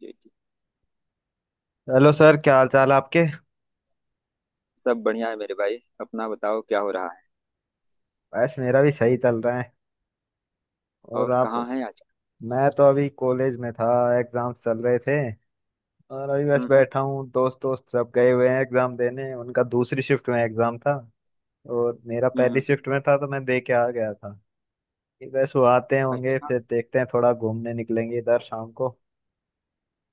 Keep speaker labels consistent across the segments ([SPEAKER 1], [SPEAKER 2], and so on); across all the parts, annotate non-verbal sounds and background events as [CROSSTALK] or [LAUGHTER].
[SPEAKER 1] जी जी।
[SPEAKER 2] Hello sir, क्या हाल चाल आपके।
[SPEAKER 1] सब बढ़िया है मेरे भाई, अपना बताओ क्या हो रहा है।
[SPEAKER 2] बस मेरा भी सही चल रहा है। और
[SPEAKER 1] और
[SPEAKER 2] आप?
[SPEAKER 1] कहाँ है आज।
[SPEAKER 2] मैं तो अभी कॉलेज में था, एग्जाम चल रहे थे। और अभी बस
[SPEAKER 1] हम्म।
[SPEAKER 2] बैठा हूँ, दोस्त दोस्त सब गए हुए हैं एग्जाम देने, उनका दूसरी शिफ्ट में एग्जाम था। और मेरा
[SPEAKER 1] हम्म
[SPEAKER 2] पहली
[SPEAKER 1] हम्म।
[SPEAKER 2] शिफ्ट में था तो मैं दे के आ गया था कि बस वो आते होंगे,
[SPEAKER 1] अच्छा।
[SPEAKER 2] फिर देखते हैं, थोड़ा घूमने निकलेंगे इधर शाम को।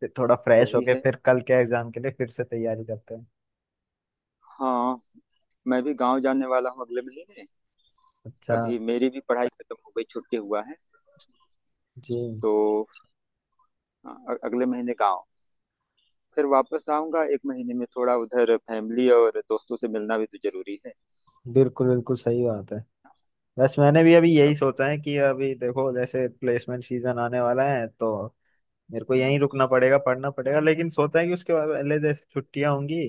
[SPEAKER 2] फिर थोड़ा फ्रेश
[SPEAKER 1] सही
[SPEAKER 2] होके
[SPEAKER 1] है।
[SPEAKER 2] फिर कल के एग्जाम के लिए फिर से तैयारी करते हैं।
[SPEAKER 1] हाँ। मैं भी गांव जाने वाला हूँ अगले महीने।
[SPEAKER 2] अच्छा
[SPEAKER 1] अभी मेरी भी पढ़ाई खत्म हो गई, छुट्टी हुआ है।
[SPEAKER 2] जी।
[SPEAKER 1] तो अगले महीने गांव। फिर वापस आऊंगा एक महीने में, थोड़ा उधर फैमिली और दोस्तों से मिलना भी तो जरूरी है।
[SPEAKER 2] बिल्कुल बिल्कुल सही बात है। बस मैंने भी अभी यही
[SPEAKER 1] अब।
[SPEAKER 2] सोचा है कि अभी देखो जैसे प्लेसमेंट सीजन आने वाला है तो मेरे को
[SPEAKER 1] हम्म
[SPEAKER 2] यहीं रुकना पड़ेगा, पढ़ना पड़ेगा। लेकिन सोचा है कि उसके बाद पहले जैसे छुट्टियां होंगी,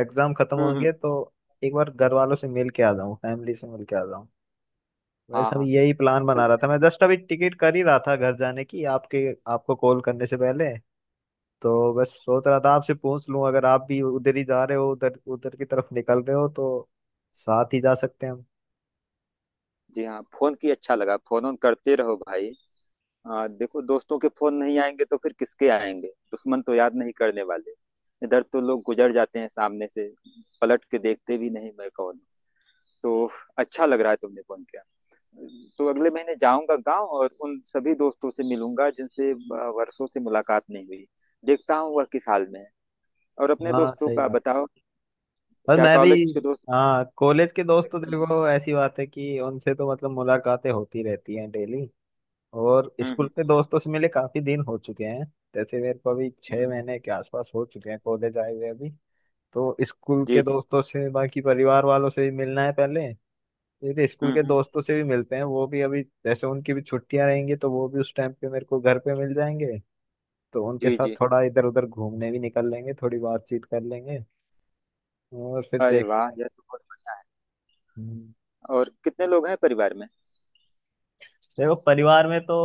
[SPEAKER 2] एग्जाम खत्म
[SPEAKER 1] हम्म। हम्म।
[SPEAKER 2] होंगे तो एक बार घर वालों से मिल के आ जाऊँ, फैमिली से मिल के आ जाऊँ। बस
[SPEAKER 1] हाँ
[SPEAKER 2] अभी
[SPEAKER 1] हाँ।
[SPEAKER 2] यही प्लान बना रहा था, मैं जस्ट अभी टिकट कर ही रहा था घर जाने की आपके आपको कॉल करने से पहले। तो बस सोच रहा था आपसे पूछ लूं अगर आप भी उधर ही जा रहे हो, उधर उधर की तरफ निकल रहे हो तो साथ ही जा सकते हैं।
[SPEAKER 1] जी हाँ, फोन की अच्छा लगा, फोन ऑन करते रहो भाई। हाँ देखो, दोस्तों के फोन नहीं आएंगे तो फिर किसके आएंगे, दुश्मन तो याद नहीं करने वाले। इधर तो लोग गुजर जाते हैं सामने से, पलट के देखते भी नहीं मैं कौन हूँ। तो अच्छा लग रहा है तुमने फोन किया। तो अगले महीने जाऊंगा गांव और उन सभी दोस्तों से मिलूंगा जिनसे वर्षों से मुलाकात नहीं हुई। देखता हूँ वह किस हाल में है। और
[SPEAKER 2] हम
[SPEAKER 1] अपने
[SPEAKER 2] हाँ,
[SPEAKER 1] दोस्तों
[SPEAKER 2] सही
[SPEAKER 1] का
[SPEAKER 2] बात।
[SPEAKER 1] बताओ।
[SPEAKER 2] और
[SPEAKER 1] क्या
[SPEAKER 2] मैं भी।
[SPEAKER 1] कॉलेज के दोस्त।
[SPEAKER 2] हाँ, कॉलेज के दोस्त तो
[SPEAKER 1] कनेक्शन में।
[SPEAKER 2] देखो ऐसी बात है कि उनसे तो मतलब मुलाकातें होती रहती हैं डेली। और स्कूल
[SPEAKER 1] हम्म
[SPEAKER 2] के दोस्तों से मिले काफी दिन हो चुके हैं। जैसे मेरे को अभी छह
[SPEAKER 1] हम्म।
[SPEAKER 2] महीने के आसपास हो चुके हैं कॉलेज आए हुए अभी। तो स्कूल
[SPEAKER 1] जी
[SPEAKER 2] के
[SPEAKER 1] जी।
[SPEAKER 2] दोस्तों से, बाकी परिवार वालों से भी मिलना है पहले। फिर स्कूल के
[SPEAKER 1] हम्म।
[SPEAKER 2] दोस्तों से भी मिलते हैं। वो भी अभी जैसे उनकी भी छुट्टियां रहेंगी तो वो भी उस टाइम पे मेरे को घर पे मिल जाएंगे। तो उनके
[SPEAKER 1] जी
[SPEAKER 2] साथ
[SPEAKER 1] जी।
[SPEAKER 2] थोड़ा इधर उधर घूमने भी निकल लेंगे, थोड़ी बातचीत कर लेंगे। और फिर
[SPEAKER 1] अरे
[SPEAKER 2] देख।
[SPEAKER 1] वाह,
[SPEAKER 2] हम्म।
[SPEAKER 1] और कितने लोग हैं परिवार में।
[SPEAKER 2] देखो परिवार में तो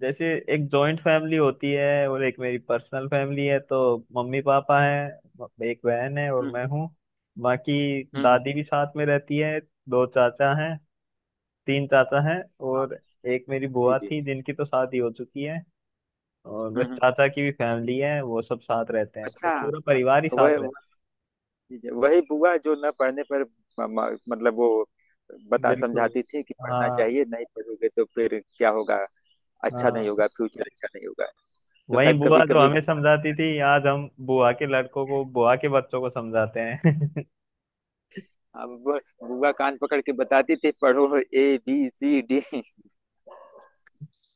[SPEAKER 2] जैसे एक जॉइंट फैमिली होती है और एक मेरी पर्सनल फैमिली है। तो मम्मी पापा हैं, एक बहन है और
[SPEAKER 1] हम्म
[SPEAKER 2] मैं हूँ। बाकी
[SPEAKER 1] हम्म।
[SPEAKER 2] दादी भी साथ में रहती है। दो चाचा हैं, तीन चाचा हैं, और एक मेरी
[SPEAKER 1] जी
[SPEAKER 2] बुआ
[SPEAKER 1] जी।
[SPEAKER 2] थी जिनकी तो शादी हो चुकी है। और बस
[SPEAKER 1] हम्म।
[SPEAKER 2] चाचा की भी फैमिली है, वो सब साथ रहते हैं, तो
[SPEAKER 1] अच्छा
[SPEAKER 2] पूरा परिवार ही
[SPEAKER 1] अच्छा
[SPEAKER 2] साथ
[SPEAKER 1] वह।
[SPEAKER 2] रहता
[SPEAKER 1] जी, जी, वही बुआ जो न पढ़ने पर मतलब वो
[SPEAKER 2] है।
[SPEAKER 1] बता
[SPEAKER 2] बिल्कुल।
[SPEAKER 1] समझाती थी कि पढ़ना
[SPEAKER 2] हाँ
[SPEAKER 1] चाहिए, नहीं पढ़ोगे तो फिर क्या होगा, अच्छा नहीं
[SPEAKER 2] हाँ,
[SPEAKER 1] होगा, फ्यूचर अच्छा नहीं होगा। तो
[SPEAKER 2] वही
[SPEAKER 1] शायद कभी
[SPEAKER 2] बुआ जो
[SPEAKER 1] कभी
[SPEAKER 2] हमें समझाती
[SPEAKER 1] सिखाती
[SPEAKER 2] थी,
[SPEAKER 1] थी।
[SPEAKER 2] आज हम बुआ के लड़कों को, बुआ के बच्चों को समझाते हैं। [LAUGHS]
[SPEAKER 1] अब वो बुआ कान पकड़ के बताती थी, पढ़ो ए बी सी डी [LAUGHS]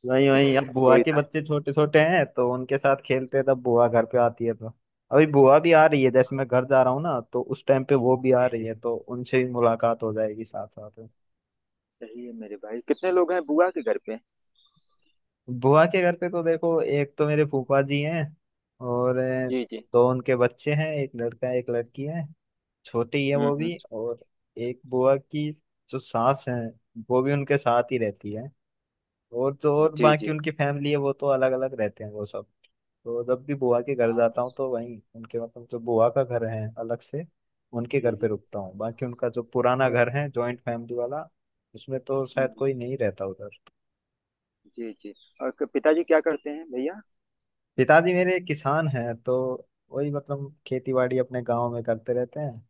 [SPEAKER 2] वही वही, अब बुआ
[SPEAKER 1] कोई
[SPEAKER 2] के
[SPEAKER 1] ना।
[SPEAKER 2] बच्चे छोटे छोटे हैं तो उनके साथ खेलते
[SPEAKER 1] हम्म।
[SPEAKER 2] हैं, तब बुआ घर पे आती है तो। अभी बुआ भी आ रही है, जैसे मैं घर जा रहा हूँ ना तो उस टाइम पे वो भी आ
[SPEAKER 1] जी
[SPEAKER 2] रही
[SPEAKER 1] जी।
[SPEAKER 2] है, तो उनसे भी मुलाकात हो जाएगी साथ साथ में।
[SPEAKER 1] सही है मेरे भाई, कितने लोग हैं बुआ के घर पे।
[SPEAKER 2] बुआ के घर पे तो देखो एक तो मेरे फूफा जी हैं, और
[SPEAKER 1] जी जी।
[SPEAKER 2] दो उनके बच्चे हैं, एक लड़का है एक लड़की है, छोटी है वो
[SPEAKER 1] हम्म
[SPEAKER 2] भी। और एक बुआ की जो सास है वो भी उनके साथ ही रहती है। और जो
[SPEAKER 1] हम्म।
[SPEAKER 2] और
[SPEAKER 1] जी
[SPEAKER 2] बाकी
[SPEAKER 1] जी।
[SPEAKER 2] उनकी फैमिली है वो तो अलग अलग रहते हैं वो सब। तो जब भी बुआ के घर जाता हूँ तो वहीं उनके मतलब जो बुआ का घर है अलग से, उनके
[SPEAKER 1] जी
[SPEAKER 2] घर पे
[SPEAKER 1] जी।
[SPEAKER 2] रुकता हूँ। बाकी उनका जो पुराना
[SPEAKER 1] और।
[SPEAKER 2] घर है, जॉइंट फैमिली वाला, उसमें तो शायद
[SPEAKER 1] हम्म।
[SPEAKER 2] कोई नहीं रहता उधर।
[SPEAKER 1] जी जी। और पिताजी क्या करते हैं भैया।
[SPEAKER 2] पिताजी मेरे किसान हैं तो वही मतलब खेती बाड़ी अपने गाँव में करते रहते हैं,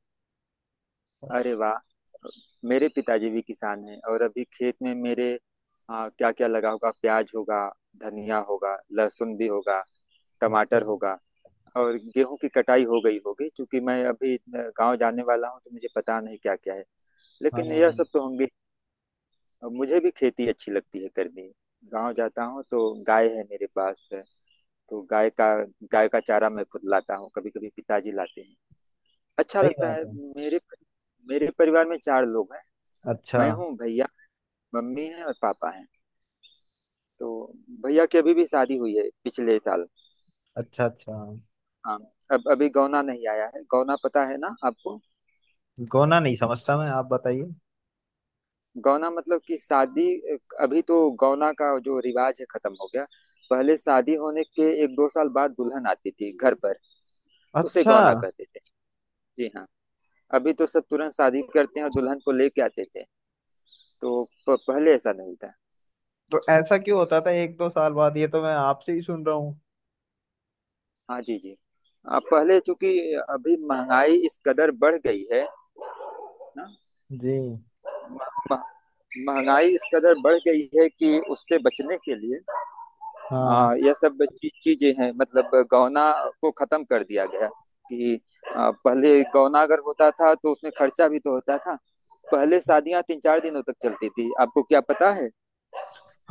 [SPEAKER 1] अरे
[SPEAKER 2] बस।
[SPEAKER 1] वाह। मेरे पिताजी भी किसान हैं, और अभी खेत में मेरे क्या क्या लगा होगा, प्याज होगा, धनिया होगा, लहसुन भी होगा, टमाटर
[SPEAKER 2] अच्छा।
[SPEAKER 1] होगा। और गेहूं की कटाई हो गई होगी, क्योंकि मैं अभी गांव जाने वाला हूं तो मुझे पता नहीं क्या क्या है, लेकिन यह
[SPEAKER 2] हाँ
[SPEAKER 1] सब तो होंगे। और मुझे भी खेती अच्छी लगती है करनी। गांव जाता हूँ तो गाय है मेरे पास। तो गाय का चारा मैं खुद लाता हूँ, कभी कभी पिताजी लाते हैं। अच्छा
[SPEAKER 2] सही
[SPEAKER 1] लगता
[SPEAKER 2] बात
[SPEAKER 1] है।
[SPEAKER 2] है।
[SPEAKER 1] मेरे मेरे परिवार में चार लोग हैं।
[SPEAKER 2] अच्छा
[SPEAKER 1] मैं हूँ भैया, मम्मी है और पापा है। तो भैया की अभी भी शादी हुई है पिछले साल।
[SPEAKER 2] अच्छा। अच्छा,
[SPEAKER 1] हाँ। अब अभी गौना नहीं आया है, गौना पता है ना आपको।
[SPEAKER 2] गोना नहीं समझता मैं, आप बताइए।
[SPEAKER 1] गौना मतलब कि शादी। अभी तो गौना का जो रिवाज है खत्म हो गया। पहले शादी होने के एक दो साल बाद दुल्हन आती थी घर पर, उसे
[SPEAKER 2] अच्छा।
[SPEAKER 1] गौना कहते थे। जी हाँ। अभी तो सब तुरंत शादी करते हैं और दुल्हन को लेके आते थे। तो पहले ऐसा नहीं था।
[SPEAKER 2] तो ऐसा क्यों होता था एक दो साल बाद? ये तो मैं आपसे ही सुन रहा हूँ।
[SPEAKER 1] हाँ जी जी। पहले चूंकि अभी महंगाई इस कदर बढ़ गई है ना।
[SPEAKER 2] जी।
[SPEAKER 1] मह- महंगाई इस कदर बढ़ गई है कि उससे बचने के लिए
[SPEAKER 2] हाँ
[SPEAKER 1] यह सब चीजें हैं, मतलब गौना को खत्म कर दिया गया कि पहले गौना अगर होता था तो उसमें खर्चा भी तो होता था। पहले शादियां तीन चार दिनों तक चलती थी, आपको क्या पता है।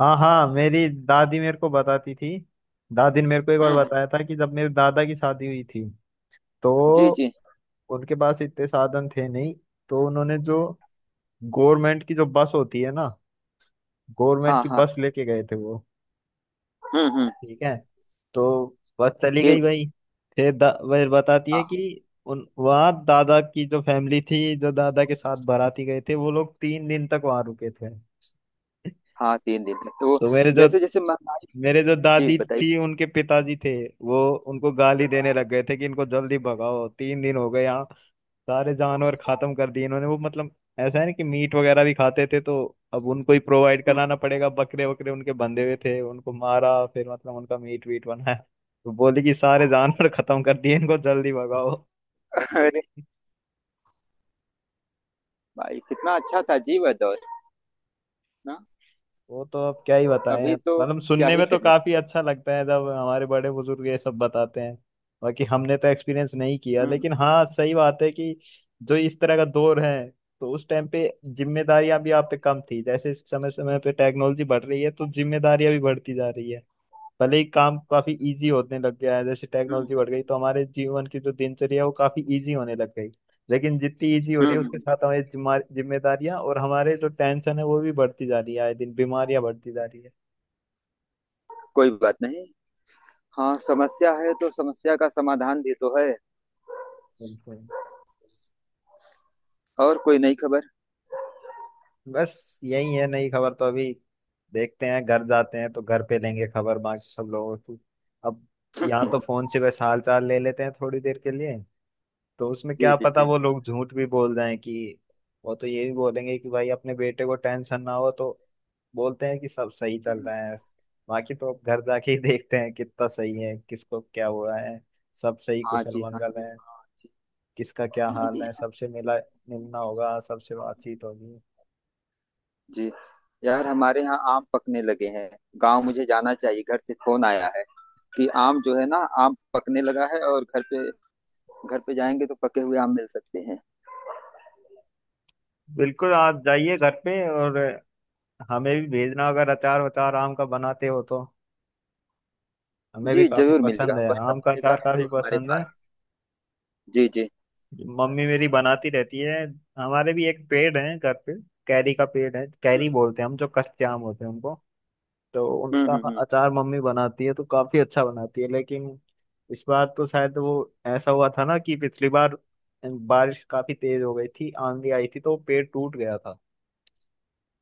[SPEAKER 2] हाँ, हाँ मेरी दादी मेरे को बताती थी। दादी ने मेरे को एक बार
[SPEAKER 1] हम्म।
[SPEAKER 2] बताया था कि जब मेरे दादा की शादी हुई थी
[SPEAKER 1] जी
[SPEAKER 2] तो
[SPEAKER 1] जी।
[SPEAKER 2] उनके पास इतने साधन थे नहीं, तो उन्होंने जो गवर्नमेंट की जो बस होती है ना, गवर्नमेंट
[SPEAKER 1] हाँ
[SPEAKER 2] की
[SPEAKER 1] हाँ।
[SPEAKER 2] बस लेके गए थे वो।
[SPEAKER 1] हम्म।
[SPEAKER 2] ठीक है। तो बस चली
[SPEAKER 1] जी
[SPEAKER 2] गई
[SPEAKER 1] जी।
[SPEAKER 2] भाई। फिर वह बताती
[SPEAKER 1] हाँ
[SPEAKER 2] है कि
[SPEAKER 1] हाँ।
[SPEAKER 2] उन वहाँ दादा की जो फैमिली थी, जो दादा के साथ बाराती गए थे, वो लोग तीन दिन तक वहां रुके थे।
[SPEAKER 1] हाँ, तीन दिन तक तो।
[SPEAKER 2] तो मेरे जो,
[SPEAKER 1] जैसे जैसे महंगाई।
[SPEAKER 2] मेरे जो
[SPEAKER 1] जी
[SPEAKER 2] दादी
[SPEAKER 1] बताइए।
[SPEAKER 2] थी उनके पिताजी थे, वो उनको गाली देने लग गए थे कि इनको जल्दी भगाओ, तीन दिन हो गए यहाँ, सारे जानवर खत्म कर दिए इन्होंने। वो मतलब ऐसा है ना कि मीट वगैरह भी खाते थे तो अब उनको ही प्रोवाइड
[SPEAKER 1] हम्म।
[SPEAKER 2] कराना पड़ेगा, बकरे वकरे उनके बंधे हुए थे, उनको मारा फिर मतलब उनका मीट वीट बनाया। तो बोले कि सारे जानवर खत्म कर दिए, इनको जल्दी भगाओ।
[SPEAKER 1] अरे भाई, कितना अच्छा था जी वह दौर ना।
[SPEAKER 2] वो तो अब क्या ही बताएं।
[SPEAKER 1] अभी
[SPEAKER 2] अब
[SPEAKER 1] तो
[SPEAKER 2] मतलब
[SPEAKER 1] क्या
[SPEAKER 2] सुनने
[SPEAKER 1] ही
[SPEAKER 2] में तो
[SPEAKER 1] कहे।
[SPEAKER 2] काफी अच्छा लगता है जब हमारे बड़े बुजुर्ग ये सब बताते हैं। बाकी हमने तो एक्सपीरियंस नहीं किया,
[SPEAKER 1] हम्म
[SPEAKER 2] लेकिन हाँ सही बात है कि जो इस तरह का दौर है, तो उस टाइम पे जिम्मेदारियां भी आप पे कम थी। जैसे समय समय पे टेक्नोलॉजी बढ़ रही है तो जिम्मेदारियां भी बढ़ती जा रही है। भले ही काम काफी इजी होने लग गया है, जैसे
[SPEAKER 1] हम्म।
[SPEAKER 2] टेक्नोलॉजी बढ़ गई तो हमारे जीवन की जो दिनचर्या है वो काफी इजी होने लग गई, लेकिन जितनी इजी हो रही है उसके
[SPEAKER 1] हम्म।
[SPEAKER 2] साथ हमारी जिम्मेदारियां और हमारे जो टेंशन है वो भी बढ़ती जा रही है, आए दिन बीमारियां बढ़ती जा रही है।
[SPEAKER 1] कोई बात नहीं। हाँ, समस्या है तो समस्या का समाधान भी तो है।
[SPEAKER 2] बिल्कुल।
[SPEAKER 1] और कोई नई खबर।
[SPEAKER 2] बस यही है नई खबर तो अभी। देखते हैं, घर जाते हैं तो घर पे लेंगे खबर बाकी सब लोगों की। अब यहाँ तो फोन से बस हाल चाल ले लेते हैं थोड़ी देर के लिए, तो उसमें
[SPEAKER 1] जी
[SPEAKER 2] क्या
[SPEAKER 1] जी
[SPEAKER 2] पता
[SPEAKER 1] जी।
[SPEAKER 2] वो लोग झूठ भी बोल जाएं कि, वो तो ये भी बोलेंगे कि भाई अपने बेटे को टेंशन ना हो तो बोलते हैं कि सब सही चल रहा है। बाकी तो अब घर जाके ही देखते हैं कितना सही है, किसको क्या हुआ है, सब सही
[SPEAKER 1] हाँ
[SPEAKER 2] कुशल
[SPEAKER 1] जी, हाँ
[SPEAKER 2] मंगल
[SPEAKER 1] जी,
[SPEAKER 2] है,
[SPEAKER 1] हाँ जी।
[SPEAKER 2] किसका क्या
[SPEAKER 1] हाँ
[SPEAKER 2] हाल
[SPEAKER 1] जी,
[SPEAKER 2] है,
[SPEAKER 1] हाँ
[SPEAKER 2] सबसे मिला, मिलना होगा सबसे, बातचीत होगी।
[SPEAKER 1] जी। यार हमारे यहाँ आम पकने लगे हैं। गांव मुझे जाना चाहिए, घर से फोन आया है कि आम जो है ना, आम पकने लगा है और घर पे जाएंगे तो पके हुए आम मिल सकते हैं।
[SPEAKER 2] बिल्कुल आप जाइए घर पे। और हमें भी भेजना अगर अचार वचार आम का बनाते हो तो, हमें भी
[SPEAKER 1] जी
[SPEAKER 2] काफी
[SPEAKER 1] जरूर मिलेगा,
[SPEAKER 2] पसंद है
[SPEAKER 1] वह सब
[SPEAKER 2] आम का
[SPEAKER 1] मिलेगा
[SPEAKER 2] अचार, काफी
[SPEAKER 1] जो हमारे
[SPEAKER 2] पसंद है।
[SPEAKER 1] पास। जी जी।
[SPEAKER 2] मम्मी मेरी बनाती रहती है। हमारे भी एक पेड़ है घर पे, कैरी का पेड़ है, कैरी बोलते हैं हम जो कच्चे आम होते हैं उनको, तो उनका
[SPEAKER 1] हम्म।
[SPEAKER 2] अचार मम्मी बनाती है तो काफी अच्छा बनाती है। लेकिन इस बार तो शायद वो, ऐसा हुआ था ना कि पिछली बार बारिश काफी तेज हो गई थी, आंधी आई थी तो पेड़ टूट गया था।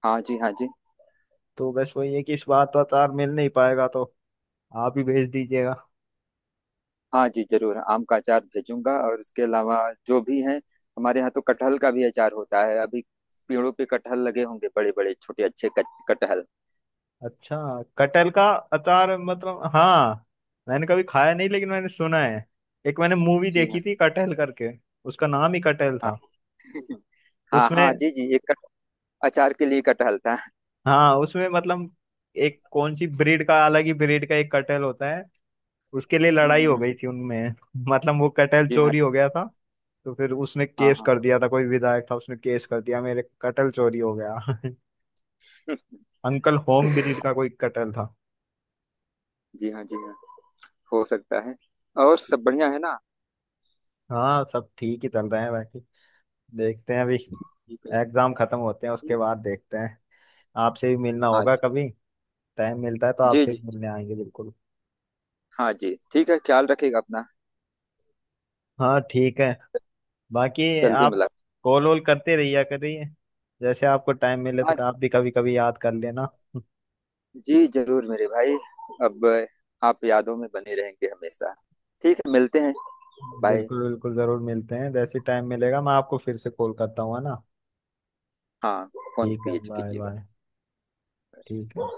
[SPEAKER 1] हाँ जी, हाँ जी।
[SPEAKER 2] तो बस वही है कि इस बार तो अचार मिल नहीं पाएगा, तो आप ही भेज दीजिएगा।
[SPEAKER 1] हाँ जी जरूर आम का अचार भेजूंगा, और उसके अलावा जो भी है। हमारे यहाँ तो कटहल का भी अचार होता है। अभी पेड़ों पे कटहल लगे होंगे, बड़े बड़े छोटे अच्छे कटहल।
[SPEAKER 2] अच्छा, कटहल का अचार मतलब? हाँ मैंने कभी खाया नहीं, लेकिन मैंने सुना है। एक मैंने मूवी
[SPEAKER 1] जी
[SPEAKER 2] देखी
[SPEAKER 1] हाँ।
[SPEAKER 2] थी, कटहल करके, उसका नाम ही कटहल
[SPEAKER 1] हाँ
[SPEAKER 2] था।
[SPEAKER 1] [LAUGHS] हाँ हाँ
[SPEAKER 2] उसमें,
[SPEAKER 1] जी जी। अचार के लिए कटहल था।
[SPEAKER 2] हाँ उसमें मतलब एक कौन सी ब्रीड का, अलग ही ब्रीड का एक कटहल होता है, उसके लिए
[SPEAKER 1] हम्म।
[SPEAKER 2] लड़ाई
[SPEAKER 1] हम्म।
[SPEAKER 2] हो
[SPEAKER 1] हम्म।
[SPEAKER 2] गई थी उनमें। [LAUGHS] मतलब वो कटहल
[SPEAKER 1] जी हाँ,
[SPEAKER 2] चोरी हो
[SPEAKER 1] जी
[SPEAKER 2] गया था, तो फिर उसने
[SPEAKER 1] हाँ।
[SPEAKER 2] केस
[SPEAKER 1] हाँ
[SPEAKER 2] कर दिया था, कोई विधायक था उसने केस कर दिया मेरे कटहल चोरी हो गया। [LAUGHS] अंकल होम ब्रीड का कोई कटहल था।
[SPEAKER 1] जी, हाँ जी। हाँ, हो सकता है। और सब बढ़िया है ना।
[SPEAKER 2] हाँ सब ठीक ही चल रहे हैं, बाकी देखते हैं अभी,
[SPEAKER 1] ठीक है।
[SPEAKER 2] एग्जाम खत्म होते हैं उसके बाद देखते हैं। आपसे भी मिलना
[SPEAKER 1] हाँ
[SPEAKER 2] होगा
[SPEAKER 1] जी।
[SPEAKER 2] कभी, टाइम मिलता है तो
[SPEAKER 1] जी
[SPEAKER 2] आपसे
[SPEAKER 1] जी।
[SPEAKER 2] भी
[SPEAKER 1] जी,
[SPEAKER 2] मिलने आएंगे बिल्कुल।
[SPEAKER 1] हाँ जी ठीक है, ख्याल रखिएगा अपना।
[SPEAKER 2] हाँ ठीक है। बाकी
[SPEAKER 1] जल्दी
[SPEAKER 2] आप
[SPEAKER 1] मुलाकात।
[SPEAKER 2] कॉल वॉल करते रहिए, करिए, जैसे आपको टाइम मिले
[SPEAKER 1] हाँ
[SPEAKER 2] तो आप भी कभी कभी याद कर लेना।
[SPEAKER 1] जी जरूर मेरे भाई। अब आप यादों में बने रहेंगे हमेशा। ठीक है मिलते हैं। बाय।
[SPEAKER 2] बिल्कुल बिल्कुल, जरूर मिलते हैं, जैसे टाइम मिलेगा मैं आपको फिर से कॉल करता हूँ, है ना।
[SPEAKER 1] हाँ फोन
[SPEAKER 2] ठीक है,
[SPEAKER 1] कीजिए
[SPEAKER 2] बाय
[SPEAKER 1] कीजिए।
[SPEAKER 2] बाय। ठीक है।